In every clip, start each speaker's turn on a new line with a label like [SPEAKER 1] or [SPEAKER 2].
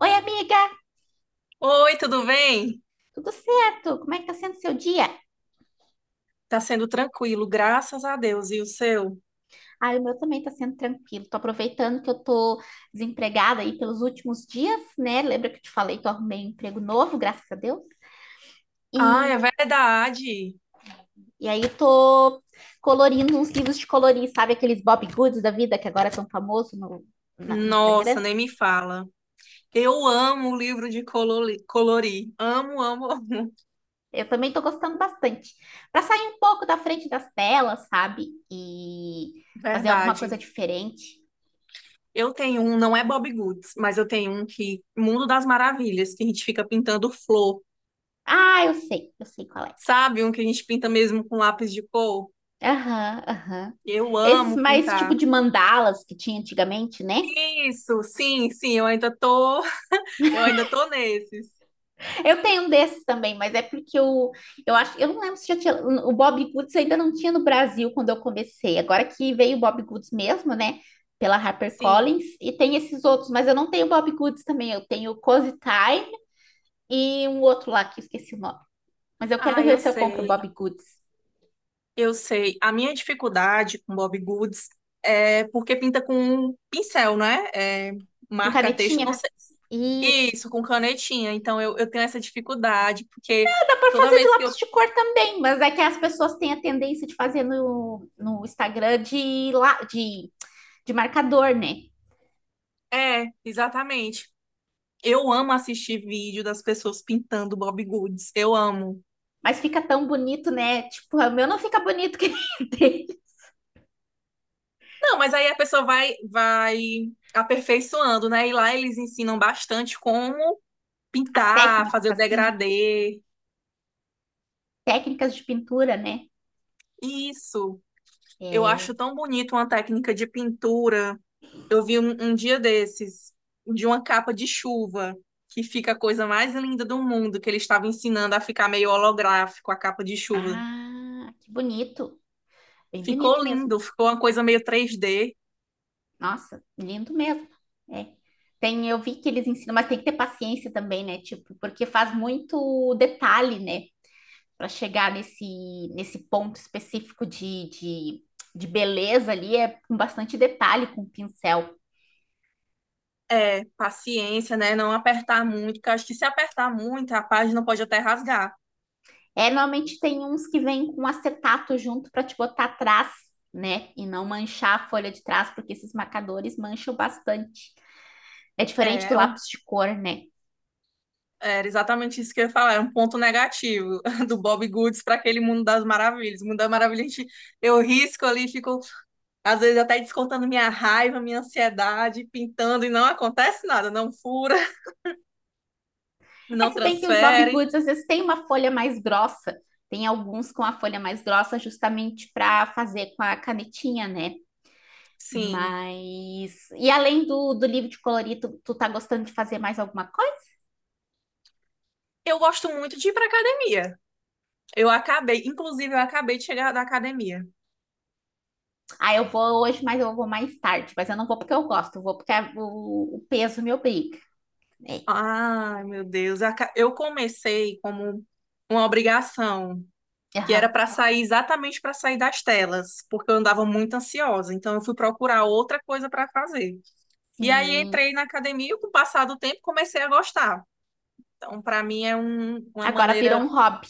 [SPEAKER 1] Oi, amiga,
[SPEAKER 2] Oi, tudo bem?
[SPEAKER 1] tudo certo? Como é que tá sendo seu dia?
[SPEAKER 2] Tá sendo tranquilo, graças a Deus. E o seu?
[SPEAKER 1] Ah, o meu também tá sendo tranquilo. Tô aproveitando que eu tô desempregada aí pelos últimos dias, né? Lembra que eu te falei que eu arrumei um emprego novo, graças a Deus?
[SPEAKER 2] Ah, é
[SPEAKER 1] E,
[SPEAKER 2] verdade.
[SPEAKER 1] e aí eu tô colorindo uns livros de colorir, sabe? Aqueles Bob Goods da vida que agora são famosos no Instagram.
[SPEAKER 2] Nossa, nem me fala. Eu amo o livro de colorir. Amo, amo.
[SPEAKER 1] Eu também tô gostando bastante. Pra sair um pouco da frente das telas, sabe? E fazer alguma coisa
[SPEAKER 2] Verdade.
[SPEAKER 1] diferente.
[SPEAKER 2] Eu tenho um, não é Bob Goods, mas eu tenho um que Mundo das Maravilhas, que a gente fica pintando flor.
[SPEAKER 1] Ah, eu sei qual é.
[SPEAKER 2] Sabe, um que a gente pinta mesmo com lápis de cor?
[SPEAKER 1] Aham, aham.
[SPEAKER 2] Eu
[SPEAKER 1] Esses
[SPEAKER 2] amo
[SPEAKER 1] mais tipo de
[SPEAKER 2] pintar.
[SPEAKER 1] mandalas que tinha antigamente, né?
[SPEAKER 2] Isso, sim, sim, eu ainda tô, eu ainda tô nesses.
[SPEAKER 1] Eu tenho um desses também, mas é porque eu acho, eu não lembro se já tinha, o Bob Goods ainda não tinha no Brasil quando eu comecei. Agora que veio o Bob Goods mesmo, né? Pela
[SPEAKER 2] Sim.
[SPEAKER 1] HarperCollins, e tem esses outros, mas eu não tenho Bob Goods também, eu tenho o Cozy Time e um outro lá que eu esqueci o nome. Mas eu quero
[SPEAKER 2] Ah,
[SPEAKER 1] ver
[SPEAKER 2] eu
[SPEAKER 1] se eu compro o
[SPEAKER 2] sei.
[SPEAKER 1] Bob Goods.
[SPEAKER 2] Eu sei. A minha dificuldade com Bob Goods é porque pinta com um pincel, né? É,
[SPEAKER 1] Com
[SPEAKER 2] marca texto,
[SPEAKER 1] canetinha?
[SPEAKER 2] não sei.
[SPEAKER 1] Isso.
[SPEAKER 2] Isso, com canetinha. Então eu tenho essa dificuldade, porque
[SPEAKER 1] Pode
[SPEAKER 2] toda
[SPEAKER 1] fazer de
[SPEAKER 2] vez que eu.
[SPEAKER 1] lápis de cor também, mas é que as pessoas têm a tendência de fazer no Instagram de, lá, de marcador, né?
[SPEAKER 2] É, exatamente. Eu amo assistir vídeo das pessoas pintando Bob Goods. Eu amo.
[SPEAKER 1] Mas fica tão bonito, né? Tipo, o meu não fica bonito que tem
[SPEAKER 2] Não, mas aí a pessoa vai aperfeiçoando, né? E lá eles ensinam bastante como
[SPEAKER 1] as
[SPEAKER 2] pintar, fazer o
[SPEAKER 1] técnicas, né?
[SPEAKER 2] degradê.
[SPEAKER 1] Técnicas de pintura, né?
[SPEAKER 2] Isso. Eu acho
[SPEAKER 1] É...
[SPEAKER 2] tão bonito uma técnica de pintura. Eu vi um dia desses, de uma capa de chuva, que fica a coisa mais linda do mundo, que ele estava ensinando a ficar meio holográfico, a capa de chuva.
[SPEAKER 1] Ah, que bonito. Bem bonito
[SPEAKER 2] Ficou
[SPEAKER 1] mesmo.
[SPEAKER 2] lindo, ficou uma coisa meio 3D.
[SPEAKER 1] Nossa, lindo mesmo. É. Tem, eu vi que eles ensinam, mas tem que ter paciência também, né? Tipo, porque faz muito detalhe, né? Para chegar nesse ponto específico de beleza ali é com bastante detalhe, com pincel.
[SPEAKER 2] É, paciência, né? Não apertar muito, porque eu acho que se apertar muito, a página pode até rasgar.
[SPEAKER 1] É, normalmente tem uns que vêm com acetato junto para te botar atrás, né? E não manchar a folha de trás, porque esses marcadores mancham bastante. É diferente
[SPEAKER 2] É,
[SPEAKER 1] do
[SPEAKER 2] é um,
[SPEAKER 1] lápis de cor, né?
[SPEAKER 2] era exatamente isso que eu ia falar, é um ponto negativo do Bob Goods para aquele mundo das maravilhas. Mundo das maravilhas, a gente, eu risco ali e fico. Às vezes até descontando minha raiva, minha ansiedade, pintando e não acontece nada, não fura,
[SPEAKER 1] É
[SPEAKER 2] não
[SPEAKER 1] se bem que os Bob
[SPEAKER 2] transfere.
[SPEAKER 1] Goods às vezes têm uma folha mais grossa, tem alguns com a folha mais grossa justamente para fazer com a canetinha, né?
[SPEAKER 2] Sim.
[SPEAKER 1] Mas. E além do livro de colorir, tu tá gostando de fazer mais alguma coisa?
[SPEAKER 2] Eu gosto muito de ir pra academia. Eu acabei, inclusive, eu acabei de chegar da academia.
[SPEAKER 1] Ah, eu vou hoje, mas eu vou mais tarde. Mas eu não vou porque eu gosto, eu vou porque o peso me obriga. É.
[SPEAKER 2] Ai, meu Deus. Eu comecei como uma obrigação, que era
[SPEAKER 1] Aham.
[SPEAKER 2] para sair exatamente para sair das telas, porque eu andava muito ansiosa. Então, eu fui procurar outra coisa para fazer. E aí,
[SPEAKER 1] Sim.
[SPEAKER 2] entrei na academia e, com o passar do tempo, comecei a gostar. Então, para mim, é uma
[SPEAKER 1] Agora virou
[SPEAKER 2] maneira.
[SPEAKER 1] um hobby.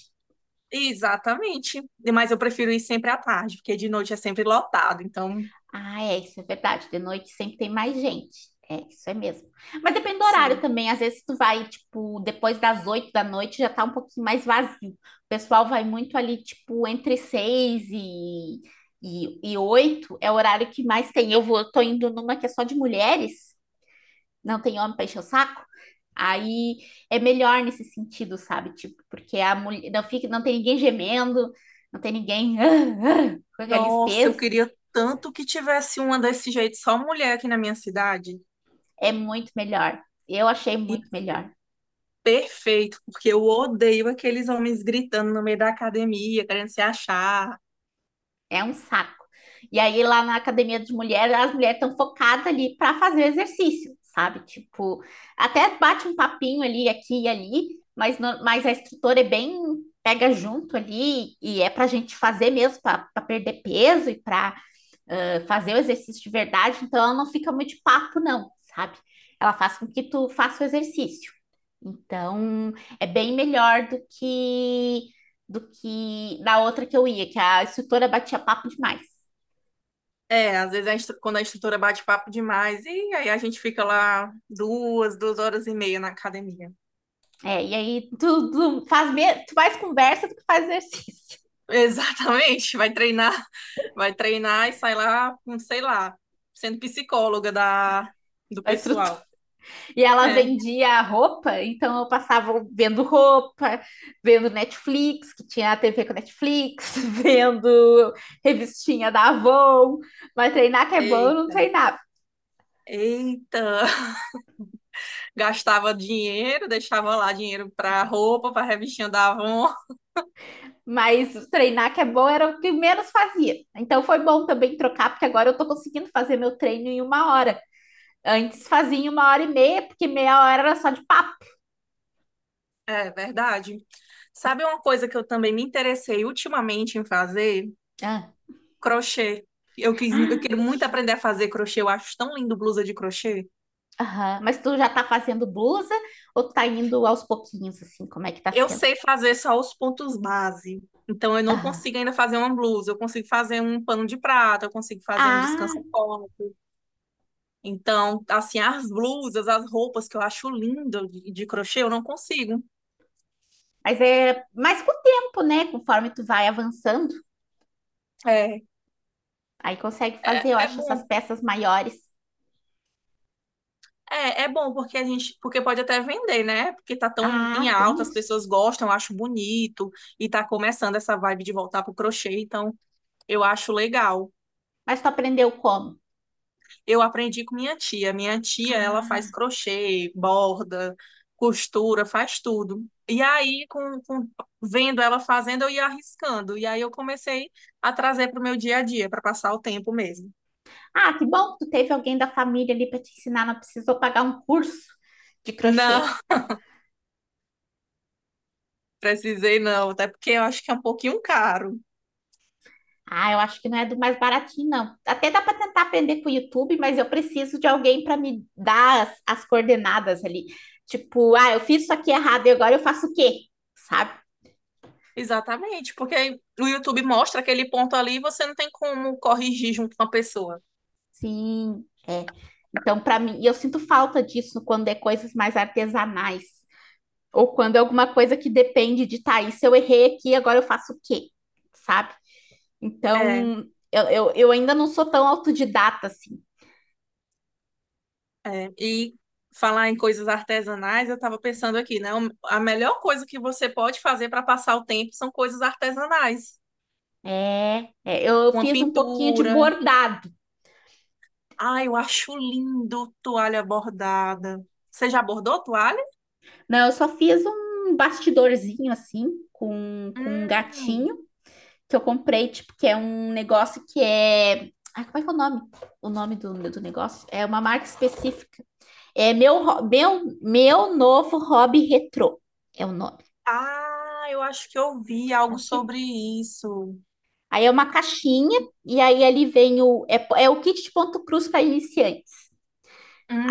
[SPEAKER 2] Exatamente. Mas eu prefiro ir sempre à tarde, porque de noite é sempre lotado. Então,
[SPEAKER 1] Ah, é, isso é verdade. De noite sempre tem mais gente. É, isso é mesmo. Mas depende do horário
[SPEAKER 2] sim.
[SPEAKER 1] também. Às vezes tu vai, tipo, depois das 8 da noite já tá um pouquinho mais vazio. O pessoal vai muito ali, tipo, entre 6 e 8 é o horário que mais tem. Eu vou, tô indo numa que é só de mulheres, não tem homem pra encher o saco. Aí é melhor nesse sentido, sabe? Tipo, porque a mulher não fica, não tem ninguém gemendo, não tem ninguém com aqueles
[SPEAKER 2] Nossa, eu
[SPEAKER 1] pesos.
[SPEAKER 2] queria tanto que tivesse uma desse jeito, só mulher aqui na minha cidade.
[SPEAKER 1] É muito melhor. Eu achei
[SPEAKER 2] E
[SPEAKER 1] muito melhor.
[SPEAKER 2] perfeito, porque eu odeio aqueles homens gritando no meio da academia, querendo se achar.
[SPEAKER 1] É um saco. E aí, lá na academia de mulheres, as mulheres estão focadas ali para fazer exercício, sabe? Tipo, até bate um papinho ali, aqui e ali, mas, no, mas a instrutora é bem pega junto ali e é para a gente fazer mesmo, para perder peso e para fazer o exercício de verdade. Então, ela não fica muito de papo, não, sabe? Ela faz com que tu faça o exercício. Então, é bem melhor do que na outra que eu ia, que a instrutora batia papo demais.
[SPEAKER 2] É, às vezes a quando a instrutora bate papo demais, e aí a gente fica lá duas horas e meia na academia.
[SPEAKER 1] É, e aí tu faz conversa do que faz exercício
[SPEAKER 2] Exatamente, vai treinar e sai lá, com, sei lá, sendo psicóloga da, do
[SPEAKER 1] da instrutora.
[SPEAKER 2] pessoal.
[SPEAKER 1] E ela
[SPEAKER 2] É,
[SPEAKER 1] vendia roupa, então eu passava vendo roupa, vendo Netflix, que tinha a TV com Netflix, vendo revistinha da Avon, mas treinar que é bom, eu não
[SPEAKER 2] eita,
[SPEAKER 1] treinava.
[SPEAKER 2] eita. Gastava dinheiro, deixava lá dinheiro para roupa, para revistinha da Avon.
[SPEAKER 1] Mas treinar que é bom era o que menos fazia. Então foi bom também trocar, porque agora eu tô conseguindo fazer meu treino em 1 hora. Antes fazia em 1 hora e meia, porque meia hora era só de papo.
[SPEAKER 2] É verdade. Sabe uma coisa que eu também me interessei ultimamente em fazer?
[SPEAKER 1] Ah,
[SPEAKER 2] Crochê. Eu
[SPEAKER 1] ah
[SPEAKER 2] quero muito
[SPEAKER 1] crochê.
[SPEAKER 2] aprender a fazer crochê. Eu acho tão lindo blusa de crochê.
[SPEAKER 1] Aham. Mas tu já tá fazendo blusa ou tu tá indo aos pouquinhos, assim? Como é que tá
[SPEAKER 2] Eu
[SPEAKER 1] sendo?
[SPEAKER 2] sei fazer só os pontos base. Então, eu não
[SPEAKER 1] Aham.
[SPEAKER 2] consigo ainda fazer uma blusa. Eu consigo fazer um pano de prata, eu consigo fazer um
[SPEAKER 1] Ah,
[SPEAKER 2] descansa-colo. Então, assim, as blusas, as roupas que eu acho lindo de crochê, eu não consigo.
[SPEAKER 1] mas é mais com o tempo, né? Conforme tu vai avançando,
[SPEAKER 2] É,
[SPEAKER 1] aí consegue fazer, eu
[SPEAKER 2] é
[SPEAKER 1] acho, essas
[SPEAKER 2] bom.
[SPEAKER 1] peças maiores.
[SPEAKER 2] É, é bom porque porque pode até vender, né? Porque tá tão em
[SPEAKER 1] Ah, tem
[SPEAKER 2] alta, as
[SPEAKER 1] isso.
[SPEAKER 2] pessoas gostam, eu acho bonito e tá começando essa vibe de voltar pro crochê, então eu acho legal.
[SPEAKER 1] Mas tu aprendeu como?
[SPEAKER 2] Eu aprendi com minha tia. Minha tia, ela faz
[SPEAKER 1] Ah.
[SPEAKER 2] crochê, borda, costura, faz tudo. E aí, vendo ela fazendo, eu ia arriscando. E aí eu comecei a trazer para o meu dia a dia, para passar o tempo mesmo.
[SPEAKER 1] Ah, que bom que tu teve alguém da família ali para te ensinar, não precisou pagar um curso de crochê.
[SPEAKER 2] Não, precisei não, até porque eu acho que é um pouquinho caro.
[SPEAKER 1] Ah, eu acho que não é do mais baratinho, não. Até dá para tentar aprender com o YouTube, mas eu preciso de alguém para me dar as, coordenadas ali. Tipo, ah, eu fiz isso aqui errado e agora eu faço o quê? Sabe?
[SPEAKER 2] Exatamente, porque o YouTube mostra aquele ponto ali e você não tem como corrigir junto com a pessoa.
[SPEAKER 1] Sim, é. Então, para mim, e eu sinto falta disso quando é coisas mais artesanais, ou quando é alguma coisa que depende de, tá, isso eu errei aqui, agora eu faço o quê? Sabe?
[SPEAKER 2] É.
[SPEAKER 1] Então, eu ainda não sou tão autodidata assim.
[SPEAKER 2] É, e falar em coisas artesanais, eu estava pensando aqui, né? A melhor coisa que você pode fazer para passar o tempo são coisas artesanais.
[SPEAKER 1] É, é, eu
[SPEAKER 2] Uma
[SPEAKER 1] fiz um pouquinho de
[SPEAKER 2] pintura.
[SPEAKER 1] bordado.
[SPEAKER 2] Ai, eu acho lindo toalha bordada. Você já bordou toalha?
[SPEAKER 1] Não, eu só fiz um bastidorzinho assim, com um
[SPEAKER 2] Hum.
[SPEAKER 1] gatinho, que eu comprei, tipo, que é um negócio que é. Ai, como é que é o nome? O nome do negócio? É uma marca específica. É meu, meu novo hobby retrô. É o nome,
[SPEAKER 2] Ah, eu acho que eu vi algo
[SPEAKER 1] tá, viu?
[SPEAKER 2] sobre isso.
[SPEAKER 1] Aí é uma caixinha, e aí ali vem o. É, é o kit de ponto cruz para iniciantes.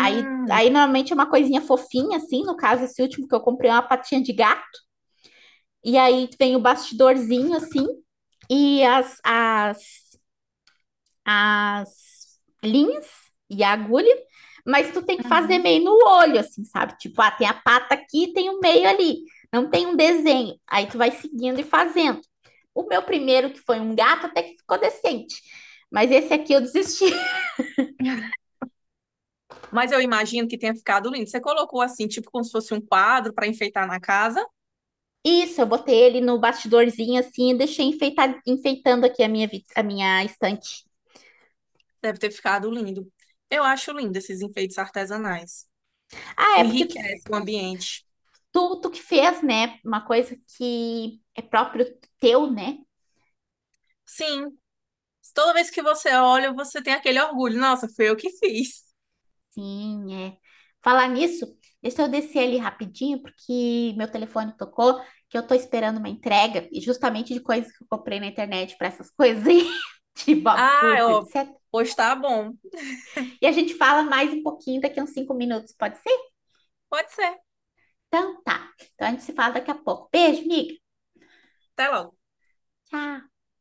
[SPEAKER 1] Aí normalmente é uma coisinha fofinha, assim. No caso, esse último que eu comprei é uma patinha de gato. E aí vem o bastidorzinho, assim, e as, as linhas e a agulha. Mas tu tem que fazer
[SPEAKER 2] Uhum.
[SPEAKER 1] meio no olho, assim, sabe? Tipo, ah, tem a pata aqui, tem o meio ali. Não tem um desenho. Aí tu vai seguindo e fazendo. O meu primeiro, que foi um gato, até que ficou decente. Mas esse aqui eu desisti.
[SPEAKER 2] Mas eu imagino que tenha ficado lindo. Você colocou assim, tipo como se fosse um quadro para enfeitar na casa?
[SPEAKER 1] Isso, eu botei ele no bastidorzinho assim e deixei enfeitando aqui a minha estante.
[SPEAKER 2] Deve ter ficado lindo. Eu acho lindo esses enfeites artesanais.
[SPEAKER 1] Ah, é porque
[SPEAKER 2] Enriquece o ambiente.
[SPEAKER 1] tu que fez, né? Uma coisa que é próprio teu, né?
[SPEAKER 2] Sim, toda vez que você olha, você tem aquele orgulho. Nossa, foi eu que fiz.
[SPEAKER 1] Sim, é. Falar nisso, deixa eu descer ali rapidinho, porque meu telefone tocou, que eu tô esperando uma entrega, e justamente de coisas que eu comprei na internet para essas coisas aí, de Bob
[SPEAKER 2] Ah,
[SPEAKER 1] Goods,
[SPEAKER 2] ó,
[SPEAKER 1] etc.
[SPEAKER 2] pois tá bom.
[SPEAKER 1] E a gente fala mais um pouquinho daqui a uns 5 minutos, pode ser?
[SPEAKER 2] Pode ser.
[SPEAKER 1] Então tá. Então a gente se fala daqui a pouco. Beijo, amiga.
[SPEAKER 2] Até logo.
[SPEAKER 1] Tchau.